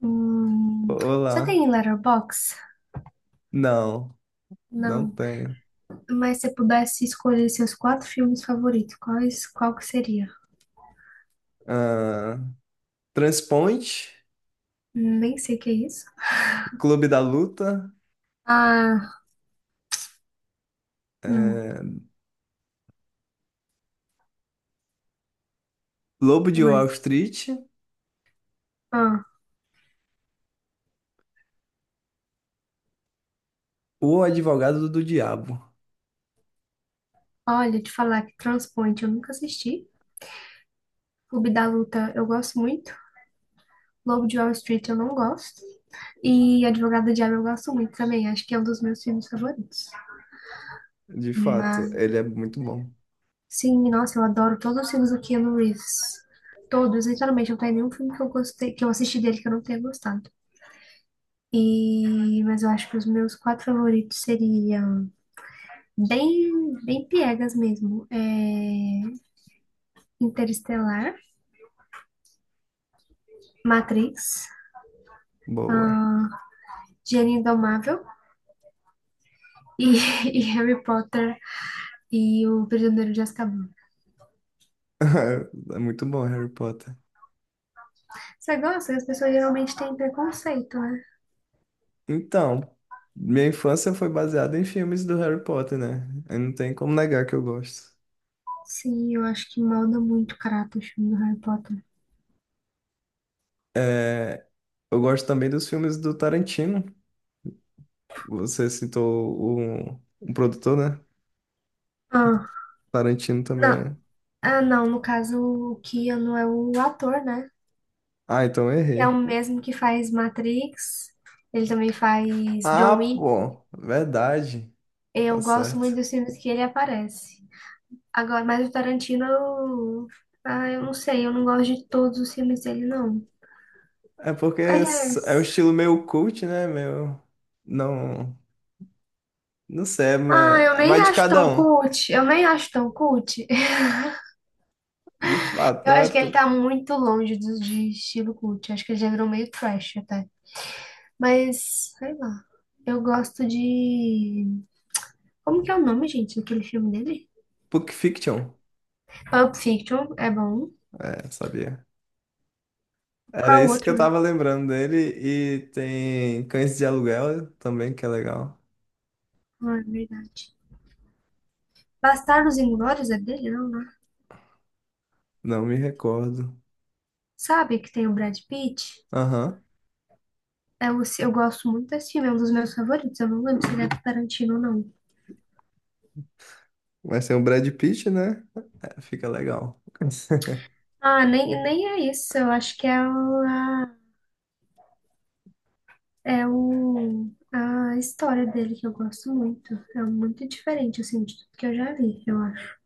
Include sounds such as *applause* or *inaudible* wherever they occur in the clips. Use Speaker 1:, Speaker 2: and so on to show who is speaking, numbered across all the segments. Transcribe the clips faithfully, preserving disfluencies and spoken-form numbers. Speaker 1: Hum, você
Speaker 2: Olá.
Speaker 1: tem Letterboxd?
Speaker 2: Não, não
Speaker 1: Não.
Speaker 2: tenho.
Speaker 1: Mas se pudesse escolher seus quatro filmes favoritos, quais, qual que seria?
Speaker 2: Ah, Transponte,
Speaker 1: Hum, Nem sei o que é isso.
Speaker 2: Clube da Luta,
Speaker 1: Ah, hum, o
Speaker 2: eh, Lobo
Speaker 1: que
Speaker 2: de Wall
Speaker 1: mais?
Speaker 2: Street,
Speaker 1: Ah,
Speaker 2: O Advogado do Diabo.
Speaker 1: olha, te falar que Transpoint eu nunca assisti. Clube da Luta eu gosto muito. Lobo de Wall Street eu não gosto. E Advogado do Diabo eu gosto muito também. Acho que é um dos meus filmes favoritos.
Speaker 2: De
Speaker 1: Mas
Speaker 2: fato, ele é muito bom.
Speaker 1: sim, nossa, eu adoro todos os filmes do Keanu Reeves. Todos, literalmente, não tem nenhum filme que eu gostei, que eu assisti dele que eu não tenha gostado. E, mas eu acho que os meus quatro favoritos seriam bem, bem piegas mesmo. É, Interestelar, Matrix,
Speaker 2: Boa.
Speaker 1: ah, Gênio Indomável e, *laughs* e Harry Potter e o Prisioneiro de Azkaban.
Speaker 2: *laughs* É muito bom, Harry Potter.
Speaker 1: Você gosta? As pessoas geralmente têm preconceito, né?
Speaker 2: Então, minha infância foi baseada em filmes do Harry Potter, né? Eu não tem como negar que eu gosto.
Speaker 1: Sim, eu acho que molda muito o caráter o filme do Harry Potter.
Speaker 2: É, eu gosto também dos filmes do Tarantino. Você citou o, um produtor, né?
Speaker 1: Ah,
Speaker 2: Tarantino também
Speaker 1: não,
Speaker 2: é.
Speaker 1: ah, não, no caso o Keanu é o ator, né?
Speaker 2: Ah, então eu
Speaker 1: É o
Speaker 2: errei.
Speaker 1: mesmo que faz Matrix, ele também faz
Speaker 2: Ah,
Speaker 1: John Wick.
Speaker 2: pô, verdade. Tá
Speaker 1: Eu gosto muito
Speaker 2: certo.
Speaker 1: dos filmes que ele aparece. Agora, mas o Tarantino, eu- ah, eu não sei, eu não gosto de todos os filmes dele, não.
Speaker 2: É porque s- é um
Speaker 1: Aliás,
Speaker 2: estilo meio cult, né? Meu. Não. Não sei,
Speaker 1: ah, eu
Speaker 2: mas
Speaker 1: nem
Speaker 2: vai de
Speaker 1: acho
Speaker 2: cada
Speaker 1: tão
Speaker 2: um.
Speaker 1: cult, eu nem acho tão cult. *laughs*
Speaker 2: De fato,
Speaker 1: Eu
Speaker 2: não é.
Speaker 1: acho que ele
Speaker 2: tu-
Speaker 1: tá muito longe do, de estilo cult, acho que ele já virou meio trash até. Mas, sei lá, eu gosto de como que é o nome, gente, daquele filme dele?
Speaker 2: Pulp Fiction.
Speaker 1: Pulp Fiction, é bom.
Speaker 2: É, sabia. Era
Speaker 1: Qual o
Speaker 2: isso que eu
Speaker 1: outro?
Speaker 2: tava lembrando dele. E tem Cães de Aluguel também, que é legal.
Speaker 1: Não, é verdade. Bastardos Inglórios é dele, não, né?
Speaker 2: Não me recordo.
Speaker 1: Sabe que tem o Brad Pitt?
Speaker 2: Aham.
Speaker 1: É o, eu gosto muito desse filme, é um dos meus favoritos. Eu não lembro se ele é do Tarantino ou não.
Speaker 2: Vai ser o Brad Pitt, né? É, fica legal. *laughs*
Speaker 1: Ah, nem, nem é isso. Eu acho que é o, é o, a história dele que eu gosto muito. É muito diferente, assim, de tudo que eu já vi, eu acho.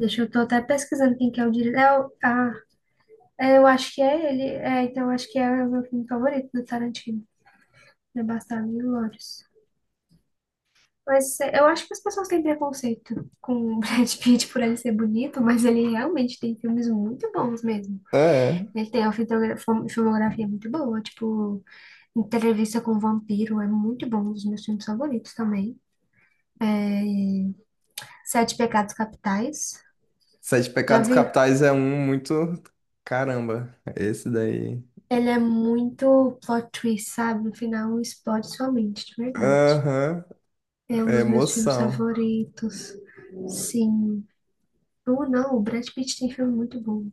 Speaker 1: Deixa eu tô até pesquisando quem que é o diretor. É o, ah, É, eu acho que é ele. É, então eu acho que é o meu filme favorito do Tarantino. É Bastardos Inglórios. Mas é, eu acho que as pessoas têm preconceito com o *laughs* Brad Pitt por ele ser bonito, mas ele realmente tem filmes muito bons mesmo.
Speaker 2: É.
Speaker 1: Ele tem uma fitogra- fom- filmografia muito boa, tipo Entrevista com o Vampiro, é muito bom, um dos meus filmes favoritos também. Sete Pecados Capitais,
Speaker 2: Sete
Speaker 1: já
Speaker 2: Pecados
Speaker 1: viu?
Speaker 2: Capitais é um muito. Caramba, esse daí.
Speaker 1: Ele é muito plot twist, sabe? No final explode sua mente, de verdade.
Speaker 2: Aham,
Speaker 1: É um
Speaker 2: é
Speaker 1: dos meus filmes
Speaker 2: emoção.
Speaker 1: favoritos. Sim. Ou não, o Brad Pitt tem filme muito bom.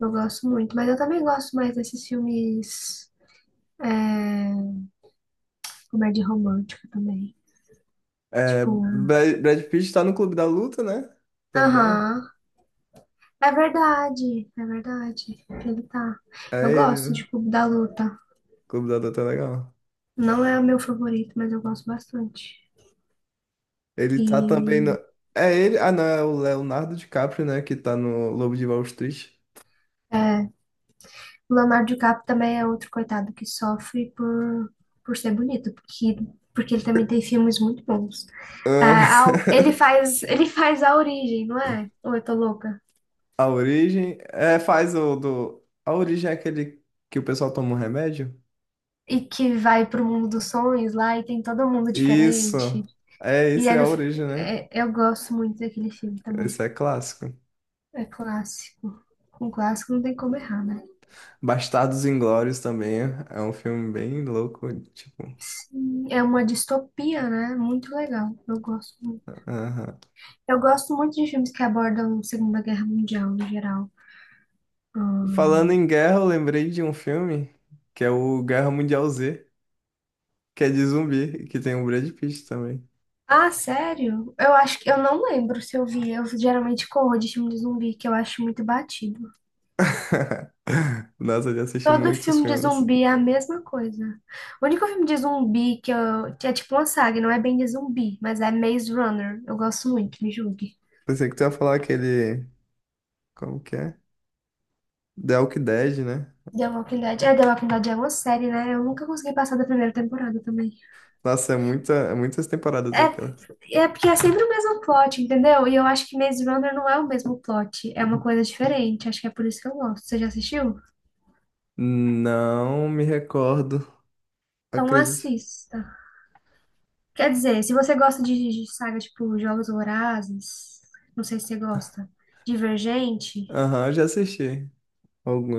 Speaker 1: Eu gosto muito. Mas eu também gosto mais desses filmes. É, comédia romântica também.
Speaker 2: É,
Speaker 1: Tipo.
Speaker 2: Brad, Brad Pitt tá no Clube da Luta, né? Também.
Speaker 1: Aham. É verdade. É verdade. Ele tá. Eu
Speaker 2: É ele,
Speaker 1: gosto
Speaker 2: né?
Speaker 1: de Clube da Luta.
Speaker 2: Clube da Luta é legal.
Speaker 1: Não é o meu favorito, mas eu gosto bastante.
Speaker 2: Ele tá também no.
Speaker 1: E.
Speaker 2: É ele. Ah, não, é o Leonardo DiCaprio, né? Que tá no Lobo de Wall Street.
Speaker 1: É, o Leonardo DiCaprio também é outro coitado que sofre por, por ser bonito, porque, porque ele também tem filmes muito bons. A- a-
Speaker 2: Ah,
Speaker 1: ele faz, ele faz, a origem, não é? Ou eu tô louca?
Speaker 2: *laughs* a origem. É, faz o do. A origem é aquele que o pessoal toma um remédio?
Speaker 1: E que vai pro mundo dos sonhos lá e tem todo mundo
Speaker 2: Isso.
Speaker 1: diferente.
Speaker 2: É,
Speaker 1: E
Speaker 2: isso é
Speaker 1: ele,
Speaker 2: a origem, né?
Speaker 1: é- eu gosto muito daquele filme também.
Speaker 2: Isso é clássico.
Speaker 1: É clássico. Com clássico não tem como errar, né?
Speaker 2: Bastardos Inglórios também é um filme bem louco, tipo.
Speaker 1: Sim, é uma distopia, né? Muito legal. Eu gosto muito.
Speaker 2: Aham.
Speaker 1: Eu gosto muito de filmes que abordam a Segunda Guerra Mundial, no geral.
Speaker 2: Falando em guerra, eu lembrei de um filme que é o Guerra Mundial Z, que é de zumbi, que tem o Brad Pitt também.
Speaker 1: Ah, sério? Eu acho que eu não lembro se eu vi. Eu geralmente corro de filme de zumbi, que eu acho muito batido.
Speaker 2: *laughs* Nossa, eu já assisti
Speaker 1: Todo
Speaker 2: muitos
Speaker 1: filme de
Speaker 2: filmes.
Speaker 1: zumbi é a mesma coisa. O único filme de zumbi que, eu, que é tipo uma saga, não é bem de zumbi, mas é Maze Runner. Eu gosto muito, me julgue.
Speaker 2: Pensei que tu ia falar aquele. Como que é? The Walking Dead, né?
Speaker 1: The Walking Dead. É, The Walking Dead é uma série, né? Eu nunca consegui passar da primeira temporada também.
Speaker 2: Nossa, é muita, é muitas temporadas aquelas.
Speaker 1: É, é porque é sempre o mesmo plot, entendeu? E eu acho que Maze Runner não é o mesmo plot. É uma coisa diferente. Acho que é por isso que eu gosto. Você já assistiu?
Speaker 2: Não me recordo,
Speaker 1: Então
Speaker 2: acredite.
Speaker 1: assista. Quer dizer, se você gosta de, de saga tipo Jogos Vorazes, não sei se você gosta, Divergente.
Speaker 2: Aham, eu já assisti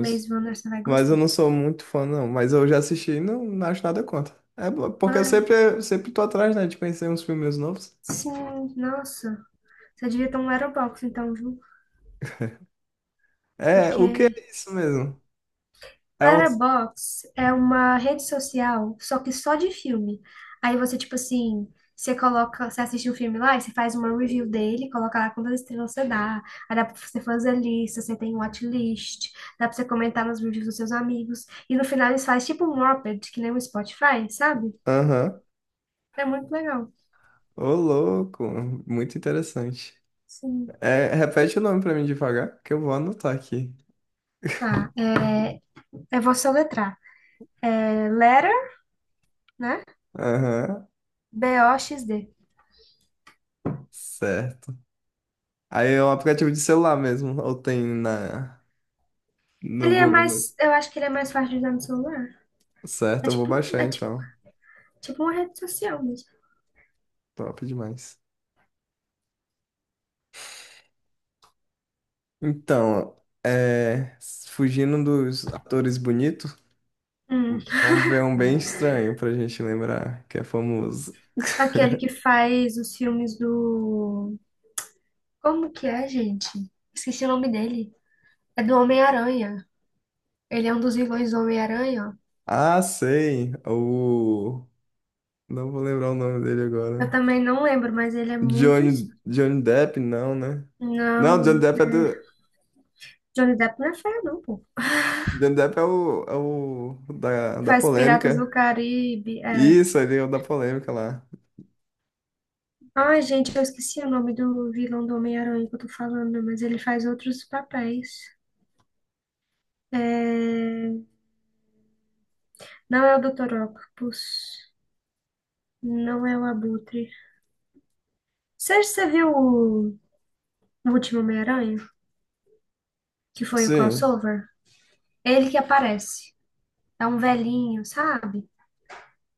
Speaker 1: Maze Runner você vai
Speaker 2: Mas eu
Speaker 1: gostar.
Speaker 2: não sou muito fã, não. Mas eu já assisti e não, não acho nada contra. É bo- porque eu
Speaker 1: Ai,
Speaker 2: sempre, sempre tô atrás, né, de conhecer uns filmes novos.
Speaker 1: sim, nossa. Você devia ter um Letterboxd então, viu?
Speaker 2: É, o que
Speaker 1: Porque
Speaker 2: é isso mesmo? É um.
Speaker 1: Letterboxd é uma rede social, só que só de filme. Aí você, tipo assim, você coloca, você assiste um filme lá e você faz uma review dele, coloca lá quantas estrelas você dá. Aí dá pra você fazer lista, você tem watchlist, dá pra você comentar nos reviews dos seus amigos. E no final eles fazem tipo um Wrapped, que nem o Spotify, sabe?
Speaker 2: Aham.
Speaker 1: É muito legal.
Speaker 2: Ô, louco. Muito interessante.
Speaker 1: Sim.
Speaker 2: É, repete o nome pra mim devagar, que eu vou anotar aqui.
Speaker 1: Tá, é, eu vou soletrar. É Lera, né?
Speaker 2: Aham.
Speaker 1: B-O-X-D.
Speaker 2: Certo. Aí é um aplicativo de celular mesmo, ou tem na, no
Speaker 1: Ele é
Speaker 2: Google mesmo.
Speaker 1: mais. Eu acho que ele é mais fácil de usar no celular. É
Speaker 2: Certo, eu vou
Speaker 1: tipo,
Speaker 2: baixar
Speaker 1: é tipo,
Speaker 2: então.
Speaker 1: tipo uma rede social mesmo.
Speaker 2: Top demais. Então, é, fugindo dos atores bonitos.
Speaker 1: Hum.
Speaker 2: Vamos ver um bem estranho pra gente lembrar, que é famoso.
Speaker 1: Aquele que faz os filmes do. Como que é, gente? Esqueci o nome dele. É do Homem-Aranha. Ele é um dos vilões do Homem-Aranha, ó.
Speaker 2: Ah, sei. O. Não vou lembrar o nome dele
Speaker 1: Eu
Speaker 2: agora.
Speaker 1: também não lembro, mas ele é muito. Es-
Speaker 2: Johnny, Johnny Depp, não, né? Não,
Speaker 1: Não.
Speaker 2: Johnny Depp é do.
Speaker 1: Johnny Depp não é feio, não, pô.
Speaker 2: Johnny Depp é o, é o da, da
Speaker 1: Faz Piratas do
Speaker 2: polêmica.
Speaker 1: Caribe. É...
Speaker 2: Isso, ele é o da polêmica lá.
Speaker 1: Ai, gente, eu esqueci o nome do vilão do Homem-Aranha que eu tô falando, mas ele faz outros papéis. É... Não é o doutor Octopus, não é o Abutre. Você, você viu o o último Homem-Aranha, que foi o
Speaker 2: Sim.
Speaker 1: crossover? Ele que aparece. É um velhinho, sabe?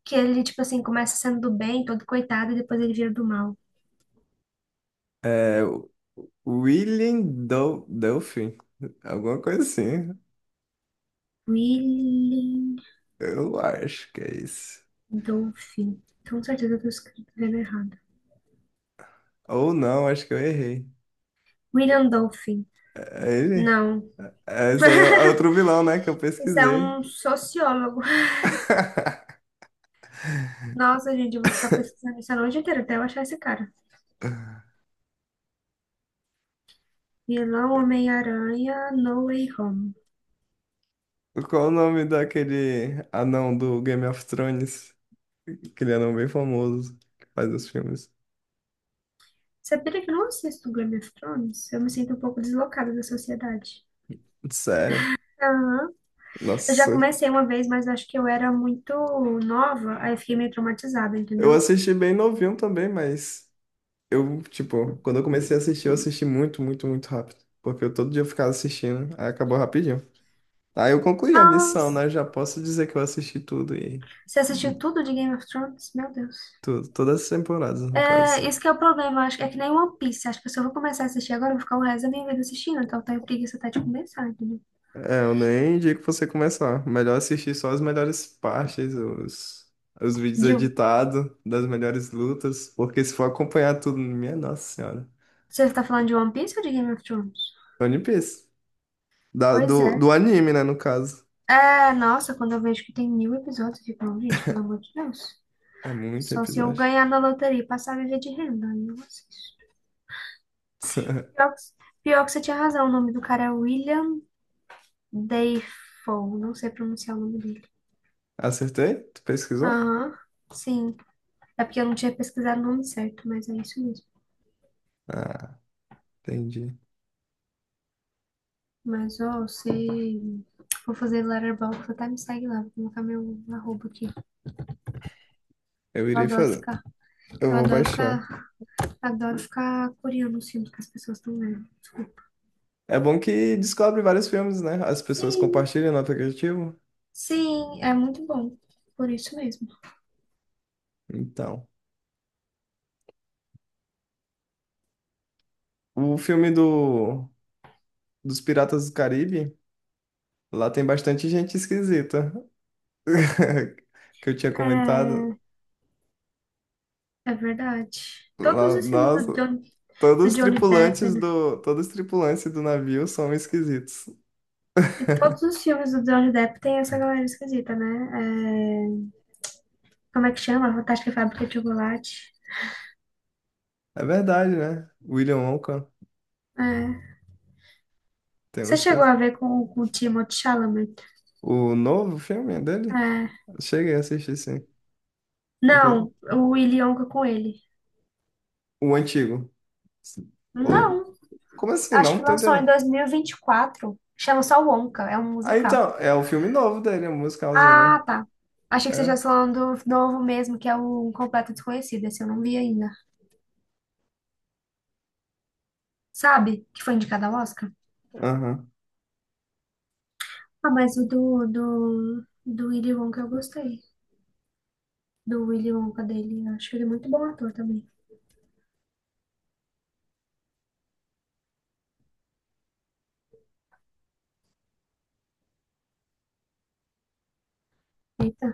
Speaker 1: Que ele, tipo assim, começa sendo do bem, todo coitado, e depois ele vira do mal.
Speaker 2: É o William Dou- Duffy. Alguma coisa assim.
Speaker 1: William
Speaker 2: Eu acho que é isso.
Speaker 1: Dolphin. Então, com certeza eu tô escrevendo errado.
Speaker 2: Ou não, acho que eu errei.
Speaker 1: William Dolphin.
Speaker 2: É ele?
Speaker 1: Não.
Speaker 2: É, esse aí é é outro vilão, né? Que eu
Speaker 1: Isso é
Speaker 2: pesquisei.
Speaker 1: um sociólogo.
Speaker 2: *laughs*
Speaker 1: Nossa, gente, eu vou ficar pesquisando isso a noite inteira até eu achar esse cara. Vilão Homem-Aranha, No Way Home.
Speaker 2: Qual o nome daquele anão do Game of Thrones? Aquele anão bem famoso que faz os filmes.
Speaker 1: Sabia que eu não assisto Game of Thrones? Eu me sinto um pouco deslocada da sociedade.
Speaker 2: Sério.
Speaker 1: Aham. Eu já
Speaker 2: Nossa.
Speaker 1: comecei uma vez, mas acho que eu era muito nova, aí eu fiquei meio traumatizada,
Speaker 2: Eu
Speaker 1: entendeu?
Speaker 2: assisti bem novinho também, mas eu, tipo, quando eu comecei a assistir, eu assisti muito, muito, muito rápido. Porque eu todo dia ficava assistindo, aí acabou rapidinho. Aí eu concluí a missão,
Speaker 1: Nossa,
Speaker 2: né? Já posso dizer que eu assisti tudo e
Speaker 1: você assistiu tudo de Game of Thrones? Meu Deus.
Speaker 2: Tu- todas as temporadas, no caso.
Speaker 1: É, isso que é o problema, acho que é que nem One Piece. Acho que se eu vou começar a assistir agora, eu vou ficar o resto da minha vida assistindo, então eu tenho preguiça até de começar, entendeu?
Speaker 2: É, eu nem indico você começar. Melhor assistir só as melhores partes, os, os vídeos
Speaker 1: Jill,
Speaker 2: editados das melhores lutas, porque se for acompanhar tudo, minha nossa senhora.
Speaker 1: você tá falando de One Piece ou de Game of Thrones?
Speaker 2: One Piece. Da-
Speaker 1: Pois
Speaker 2: do,
Speaker 1: é.
Speaker 2: do anime, né, no caso.
Speaker 1: É, nossa, quando eu vejo que tem mil episódios, eu fico, "Não, gente, pelo amor de Deus.
Speaker 2: É muito
Speaker 1: Só se eu
Speaker 2: episódio.
Speaker 1: ganhar na loteria e passar a viver de renda, aí eu assisto. Pior
Speaker 2: *laughs*
Speaker 1: que, pior que você tinha razão, o nome do cara é William Dafoe, não sei pronunciar o nome dele.
Speaker 2: Acertei? Tu pesquisou?
Speaker 1: Aham, sim. É porque eu não tinha pesquisado o nome certo, mas é isso mesmo.
Speaker 2: Ah, entendi.
Speaker 1: Mas, ó, você... Vou fazer Letterboxd, até me segue lá, vou colocar meu arroba aqui.
Speaker 2: Eu
Speaker 1: Eu
Speaker 2: irei
Speaker 1: adoro
Speaker 2: fazer.
Speaker 1: ficar,
Speaker 2: Eu
Speaker 1: eu
Speaker 2: vou
Speaker 1: adoro
Speaker 2: baixar.
Speaker 1: ficar, adoro ficar curiando os filmes que as pessoas estão vendo.
Speaker 2: É bom que descobre vários filmes, né? As pessoas
Speaker 1: Sim,
Speaker 2: compartilham no aplicativo.
Speaker 1: sim, é muito bom. Por isso mesmo.
Speaker 2: Então. O filme do dos Piratas do Caribe, lá tem bastante gente esquisita. *laughs* Que eu tinha comentado
Speaker 1: É, é verdade. Todos
Speaker 2: lá,
Speaker 1: os filmes do,
Speaker 2: nossa,
Speaker 1: John,
Speaker 2: todos
Speaker 1: do
Speaker 2: os
Speaker 1: Johnny Depp,
Speaker 2: tripulantes
Speaker 1: né?
Speaker 2: do, todos os tripulantes do navio são esquisitos.
Speaker 1: E todos
Speaker 2: *laughs*
Speaker 1: os filmes do Johnny Depp tem essa galera esquisita, né? É, como é que chama? Fantástica Fábrica de Chocolate.
Speaker 2: É verdade, né? William Wonka
Speaker 1: É.
Speaker 2: tem
Speaker 1: Você
Speaker 2: uns
Speaker 1: chegou
Speaker 2: pe-
Speaker 1: a ver com, com o Timothée Chalamet?
Speaker 2: O novo filme dele?
Speaker 1: É.
Speaker 2: Cheguei a assistir, sim. Inclu-
Speaker 1: Não, o Willy Wonka com ele.
Speaker 2: O antigo. O...
Speaker 1: Não,
Speaker 2: Como assim?
Speaker 1: acho que
Speaker 2: Não tô
Speaker 1: lançou em
Speaker 2: entendendo.
Speaker 1: dois mil e e vinte e quatro. Chama só Wonka, é um
Speaker 2: Ah,
Speaker 1: musical.
Speaker 2: então, é o filme novo dele, o musicalzinho, né?
Speaker 1: Ah, tá. Achei que você já
Speaker 2: É?
Speaker 1: falando do novo mesmo, que é o Um Completo Desconhecido. Esse eu não vi ainda. Sabe? Que foi indicado ao Oscar?
Speaker 2: Aham.
Speaker 1: Ah, mas o do, do, do Willy Wonka eu gostei. Do Willy Wonka dele. Eu acho ele muito bom ator também. Eita.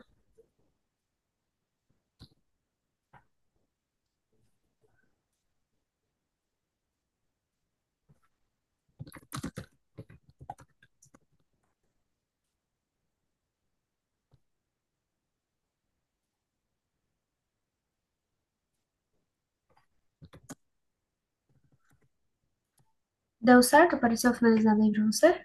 Speaker 1: Deu certo? Apareceu finalizado aí pra você?